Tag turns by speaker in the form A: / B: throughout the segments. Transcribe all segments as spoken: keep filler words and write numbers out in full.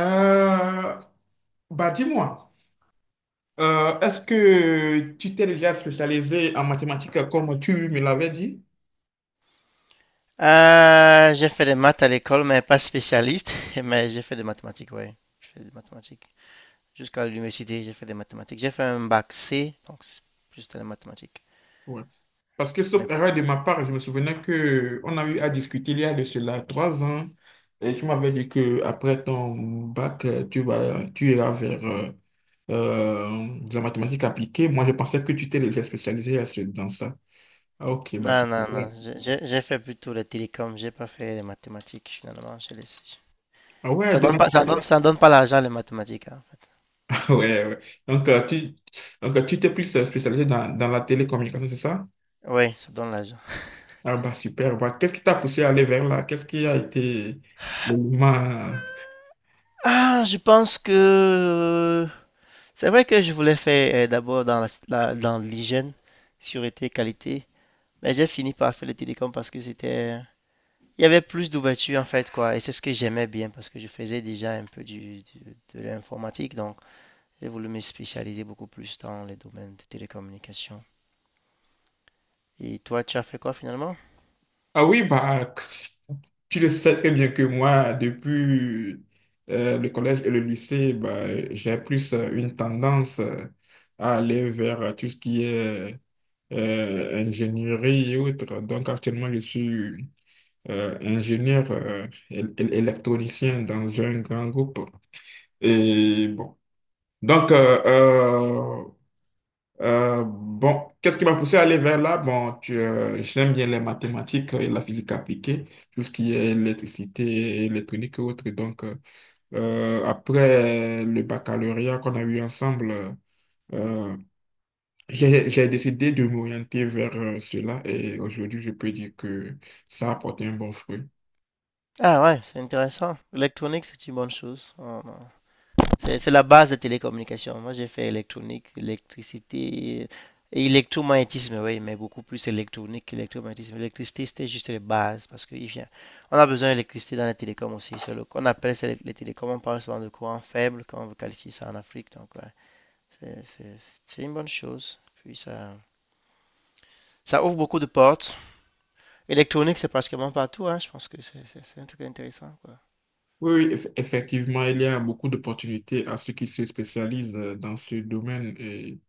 A: Euh, Bah dis-moi, euh, est-ce que tu t'es déjà spécialisé en mathématiques euh, comme tu me l'avais dit?
B: Euh, j'ai fait des maths à l'école, mais pas spécialiste. Mais j'ai fait des mathématiques, oui. J'ai fait des mathématiques. Jusqu'à l'université, j'ai fait des mathématiques. J'ai fait un bac C, donc c'est juste les mathématiques.
A: Ouais. Parce que,
B: Mais
A: sauf erreur
B: pas-
A: de ma part, je me souvenais que on a eu à discuter il y a de cela trois ans. Et tu m'avais dit que après ton bac, euh, tu vas, tu iras vers euh, euh, de la mathématique appliquée. Moi, je pensais que tu t'es déjà spécialisé à ce- dans ça. Ah, ok, bah c'est
B: non, non,
A: super.
B: non. J'ai j'ai- j'ai fait plutôt les télécoms. J'ai pas fait les mathématiques, finalement. J'ai laissé.
A: Ah ouais,
B: Ça
A: de
B: donne
A: la-
B: pas, ça donne, ça donne pas l'argent, les mathématiques, hein, en fait.
A: Ah ouais, ouais. Donc, euh, tu, donc, euh, tu t'es plus euh, spécialisé dans, dans la télécommunication, c'est ça?
B: Oui, ça donne l'argent.
A: Ah bah super. Bah, qu'est-ce qui t'a poussé à aller vers là? Qu'est-ce qui a été l'élément.
B: Ah, je pense que euh, c'est vrai que je voulais faire euh, d'abord dans la, la- dans l'hygiène, sûreté, qualité. Mais j'ai fini par faire le télécom parce que c'était... Il y avait plus d'ouverture en fait, quoi. Et c'est ce que j'aimais bien parce que je faisais déjà un peu du, du- de l'informatique. Donc, j'ai voulu me spécialiser beaucoup plus dans les domaines de télécommunications. Et toi, tu as fait quoi finalement?
A: Ah oui, bah, tu le sais très bien que moi, depuis euh, le collège et le lycée, bah, j'ai plus euh, une tendance euh, à aller vers euh, tout ce qui est euh, ingénierie et autres. Donc actuellement, je suis euh, ingénieur euh, él- él- électronicien dans un grand groupe. Et bon, donc euh, euh, euh, bon, qu'est-ce qui m'a poussé à aller vers là? Bon, tu, euh, j'aime bien les mathématiques et la physique appliquée, tout ce qui est électricité, électronique et autres. Donc, euh, euh, après le baccalauréat qu'on a eu ensemble, euh, j'ai, j'ai décidé de m'orienter vers euh, cela et aujourd'hui, je peux dire que ça a apporté un bon fruit.
B: Ah ouais, c'est intéressant. L'électronique, c'est une bonne chose. On- C'est la base des télécommunications. Moi, j'ai fait électronique, électricité et électromagnétisme, oui, mais beaucoup plus électronique qu'électromagnétisme. L'électricité, c'était juste les bases parce qu'il vient. On a besoin d'électricité dans les télécoms aussi. C'est le- on appelle ça les, télécoms, on parle souvent de courant faible quand on veut qualifier ça en Afrique. Donc, ouais, c'est une bonne chose. Puis, ça, ça ouvre beaucoup de portes. Électronique, c'est pratiquement partout, hein. Je pense que c'est un truc intéressant, quoi.
A: Oui, oui, eff- effectivement, il y a beaucoup d'opportunités à ceux qui se spécialisent euh, dans ce domaine. Et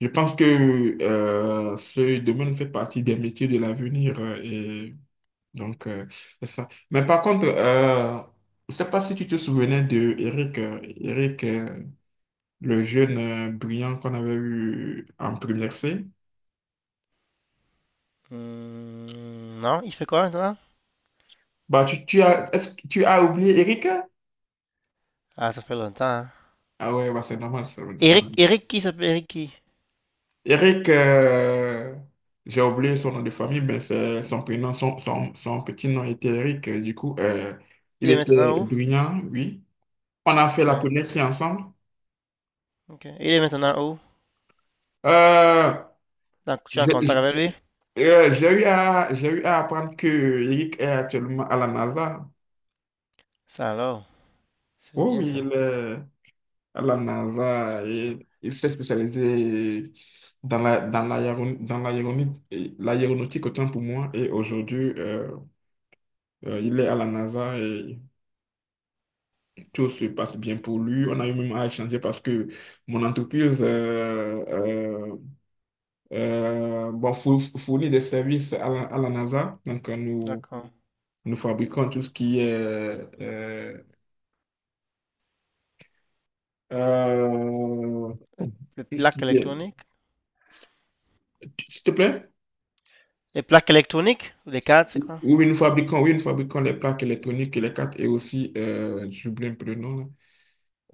A: je pense que euh, ce domaine fait partie des métiers de l'avenir euh, et donc, euh, c'est ça. Mais par contre, euh, je sais pas si tu te souvenais de Eric, euh, Eric, euh, le jeune euh, brillant qu'on avait eu en première C.
B: Hmm, non, il fait quoi maintenant?
A: Bah, tu, tu as est-ce que tu as oublié Eric?
B: Ah, ça fait longtemps, hein.
A: Ah ouais, bah, c'est normal ça. ça.
B: Eric, Eric qui s'appelle Eric qui?
A: Eric, euh, j'ai oublié son nom de famille, mais c'est son prénom, son, son, son petit nom était Eric. Du coup, euh, il
B: Il est
A: était
B: maintenant où?
A: brillant, oui. On a fait
B: Ok,
A: la première séance ensemble.
B: ok. Il est maintenant où?
A: Euh,
B: Donc, tu es en contact
A: j'ai
B: avec lui?
A: euh, j'ai eu à, j'ai eu à apprendre que Eric est actuellement à la NASA.
B: Ça alors, c'est
A: Oh
B: bien
A: oui,
B: ça.
A: il est à la NASA et il s'est spécialisé dans la, dans l'aéron- dans l'aéronautique, l'aéronautique autant pour moi. Et aujourd'hui, euh, euh, il est à la NASA et tout se passe bien pour lui. On a eu même à échanger parce que mon entreprise, euh, euh, euh, bon, fou- fournit des services à la, à la NASA. Donc, euh, nous,
B: D'accord.
A: nous fabriquons tout ce qui est, euh, euh,
B: Les, les
A: tout ce
B: plaques
A: qui est,
B: électroniques?
A: s'il te plaît.
B: Les plaques électroniques? Ou les cartes, c'est
A: Oui,
B: quoi?
A: oui, nous fabriquons, oui, nous fabriquons les plaques électroniques et les cartes et aussi, euh, j'oublie un peu le nom, là.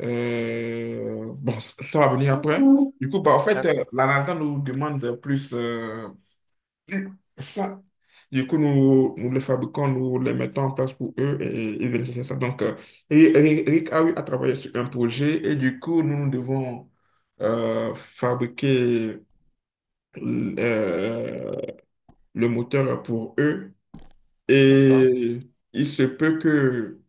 A: Euh, bon, ça ça va venir après. Du coup, bah, en fait, euh,
B: D'accord,
A: la NASA nous demande plus. euh, Ça. Du coup, nous, nous les fabriquons, nous les mettons en place pour eux et ils viennent chercher ça. Donc, euh, et- et- Eric a, a travaillé sur un projet et du coup, nous, nous devons euh, fabriquer euh, le moteur pour eux.
B: d'accord.
A: Et il se peut que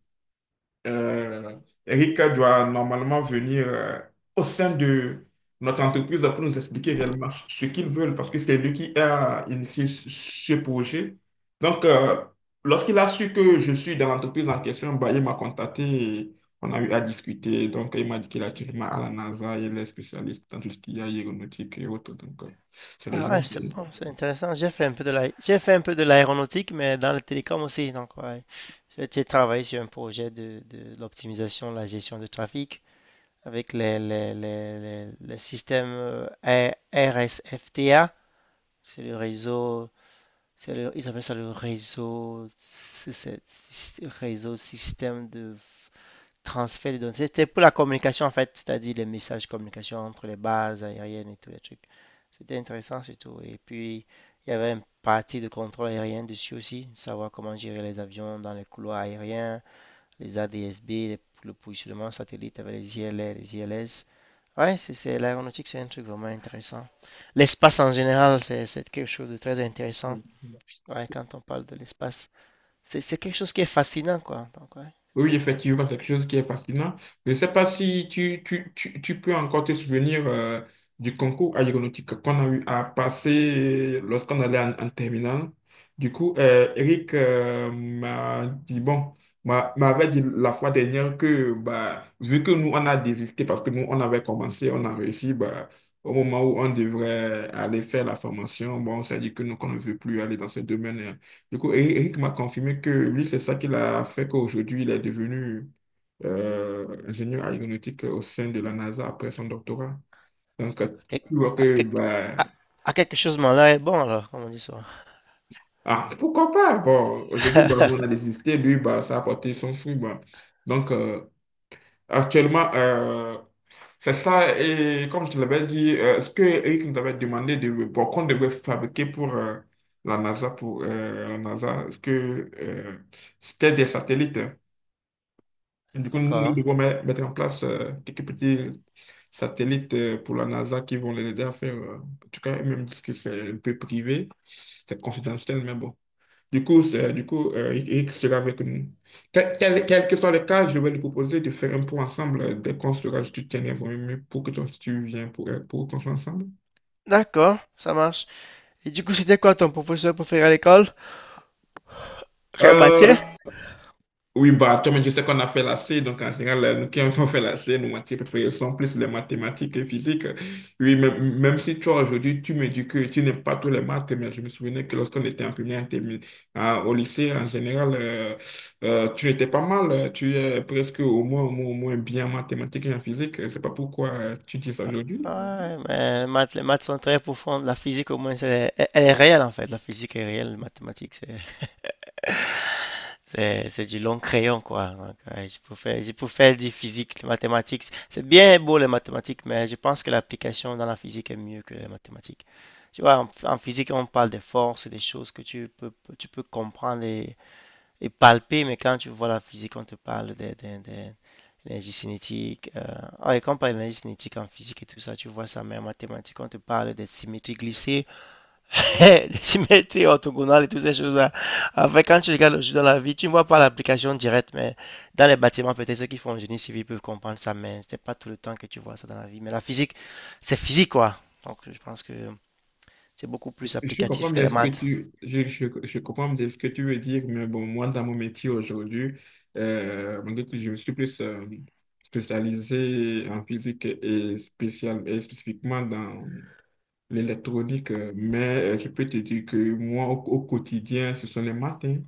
A: euh, Eric doit normalement venir euh, au sein de notre entreprise pour nous expliquer réellement ce qu'ils veulent parce que c'est lui qui a initié ce ce projet. Donc, euh, lorsqu'il a su que je suis dans l'entreprise en question, bah, il m'a contacté et on a eu à discuter. Donc, il m'a dit qu'il est actuellement à la NASA, il est spécialiste dans tout ce qui est aéronautique et autres. Donc, euh, c'est
B: Ah
A: déjà
B: ouais, c'est bon, c'est intéressant. J'ai fait un peu de la, j'ai fait un peu de l'aéronautique, mais dans le télécom aussi. Donc, ouais. J'ai travaillé sur un projet de, de de l'optimisation, la gestion du trafic avec les, les, les, les- le système euh, R- RSFTA. C'est le réseau C'est le- Ils appellent ça le réseau, c'est- c'est- c'est- réseau système de transfert de données. C'était pour la communication en fait, c'est-à-dire les messages de communication entre les bases aériennes et tous les trucs. C'était intéressant surtout. Et puis, il y avait une partie de contrôle aérien dessus aussi, savoir comment gérer les avions dans les couloirs aériens, les A D S B, les- le positionnement satellite avec les I L R, les I L S. Ouais, c'est c'est- l'aéronautique, c'est un truc vraiment intéressant. L'espace en général, c'est c'est quelque chose de très intéressant.
A: bien.
B: Ouais, quand on parle de l'espace, c'est c'est quelque chose qui est fascinant, quoi. Donc, ouais, c'est
A: Oui,
B: bien.
A: effectivement, c'est quelque chose qui est fascinant. Je ne sais pas si tu, tu, tu, tu peux encore te souvenir euh, du concours aéronautique qu'on a eu à passer lorsqu'on allait en, en terminale. Du coup, euh, Eric euh, m'a dit, bon, m'a- m'avait dit la fois dernière que, bah, vu que nous, on a désisté parce que nous, on avait commencé, on a réussi, bah, au moment où on devrait aller faire la formation, bon, on s'est dit que nous, qu'on ne veut plus aller dans ce domaine. euh, du coup, Eric Eric m'a confirmé que lui, c'est ça qui l'a fait qu'aujourd'hui, il est devenu euh, ingénieur aéronautique au sein de la NASA après son doctorat. Donc, euh,
B: À quelque,
A: tu vois
B: à
A: que,
B: quelque-
A: bah,
B: à- à quelque chose, mon là est bon, alors, comme on dit ça.
A: ah, pourquoi pas? Bon, aujourd'hui, bah, nous, on a désisté. Lui, bah, ça a apporté son fruit. Bah. Donc, euh, actuellement, euh, c'est ça. Et comme je te l'avais dit, euh, ce que Eric nous avait demandé de, bon, qu'on devrait fabriquer pour euh, la NASA, pour euh, la NASA, ce que euh, c'était des satellites, hein? Du coup, nous
B: D'accord.
A: devons met- mettre en place euh, quelques petits satellites euh, pour la NASA qui vont les aider à faire. Euh, en tout cas, même que c'est un peu privé, c'est confidentiel, mais bon. Du coup, c'est, du coup euh, il il sera avec nous. Quel, quel- quel que soit le cas, je vais lui proposer de faire un point ensemble euh, dès qu'on sera, je te tiendrai informé pour que toi aussi tu viens pour, euh, pour qu'on soit ensemble.
B: D'accord, ça marche. Et du coup, c'était quoi ton professeur préféré à l'école? Quelle
A: Euh,
B: matière?
A: Oui, bah, toi, mais je sais qu'on a fait la C, donc en général, euh, nous qui avons fait la C, nos matières préférées sont plus les mathématiques et physique. Oui, même, même si toi, aujourd'hui, tu me dis que tu n'aimes pas tous les maths, mais je me souvenais que lorsqu'on était en première, en termi- en- au lycée, en général, euh, euh, tu étais pas mal, euh, tu es presque au moins, au moins, au moins bien en mathématiques et en physique. Je sais pas pourquoi euh, tu dis ça aujourd'hui.
B: Ouais, mais les maths, les maths sont très profondes. La physique, au moins, c'est- elle, elle est réelle, en fait. La physique est réelle, les mathématiques, c'est C'est, c'est du long crayon, quoi. Donc, euh, je peux faire, je peux faire du physique, les mathématiques. C'est bien beau, les mathématiques, mais je pense que l'application dans la physique est mieux que les mathématiques. Tu vois, en, en physique, on parle des forces, des choses que tu peux, tu peux comprendre et, et palper, mais quand tu vois la physique, on te parle des, des, des- l'énergie cinétique. Euh, ah, et quand on parle d'énergie cinétique en physique et tout ça, tu vois ça, mais en mathématiques, on te parle des symétries glissées, symétrie, mets orthogonal et toutes ces choses-là. Enfin, quand tu regardes le jeu dans la vie, tu ne vois pas l'application directe, mais dans les bâtiments, peut-être ceux qui font génie civil peuvent comprendre ça, mais c'est pas tout le temps que tu vois ça dans la vie. Mais la physique, c'est physique, quoi. Donc, je pense que c'est beaucoup plus
A: Je comprends
B: applicatif que
A: bien
B: les
A: ce que
B: maths.
A: tu, je, je, je comprends bien ce que tu veux dire, mais bon, moi, dans mon métier aujourd'hui, euh, malgré que je me suis plus euh, spécialisé en physique et, spécial, et spécifiquement dans l'électronique, euh, mais euh, je peux te dire que moi, au, au quotidien, ce sont les maths, hein.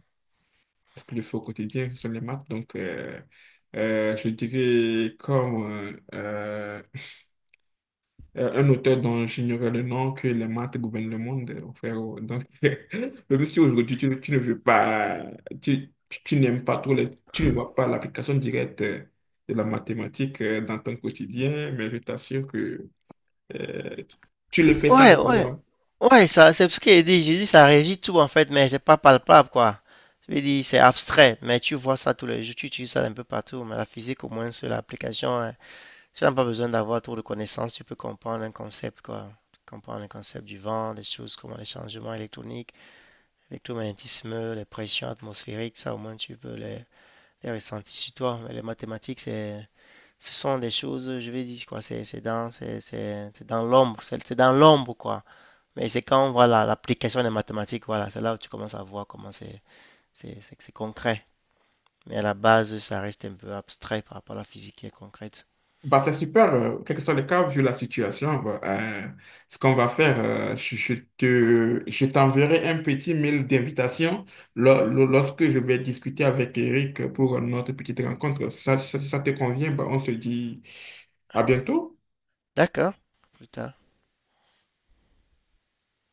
A: Ce que je fais au quotidien, ce sont les maths. Donc, euh, euh, je dirais comme euh, euh, un auteur dont j'ignorais le nom, que les maths gouvernent le monde, euh, frère. Donc, même si aujourd'hui tu, tu ne veux pas, tu, tu, tu n'aimes pas trop, les- tu ne vois pas l'application directe euh, de la mathématique euh, dans ton quotidien, mais je t'assure que euh, tu le fais sans le
B: Ouais, ouais.
A: vouloir.
B: Ouais, ça, c'est ce qu'il dit. J'ai dit, ça régit tout, en fait, mais c'est pas palpable, quoi. Je veux dire, c'est abstrait, mais tu vois ça tous les jours, tu utilises ça un peu partout. Mais la physique, au moins, sur l'application, hein, tu n'as pas besoin d'avoir trop de connaissances, tu peux comprendre un concept, quoi. Comprendre le concept du vent, des choses, comment les changements électroniques, l'électromagnétisme, les pressions atmosphériques, ça au moins tu peux les, les ressentir sur toi. Mais les mathématiques, c'est, ce sont des choses, je vais dire, quoi, c'est c'est dans, c'est c'est- dans l'ombre, c'est c'est dans l'ombre, quoi. Mais c'est quand, voilà, l'application des mathématiques, voilà, c'est là où tu commences à voir comment c'est- c'est- c'est concret. Mais à la base, ça reste un peu abstrait par rapport à la physique qui est concrète.
A: Bah, c'est super, euh, quel que soit le cas, vu la situation, bah, euh, ce qu'on va faire, euh, je, je te, je t'enverrai un petit mail d'invitation lo- lo- lorsque je vais discuter avec Eric pour notre petite rencontre. Ça, ça, si ça te convient, bah, on se dit à bientôt.
B: D'accord, plus tard.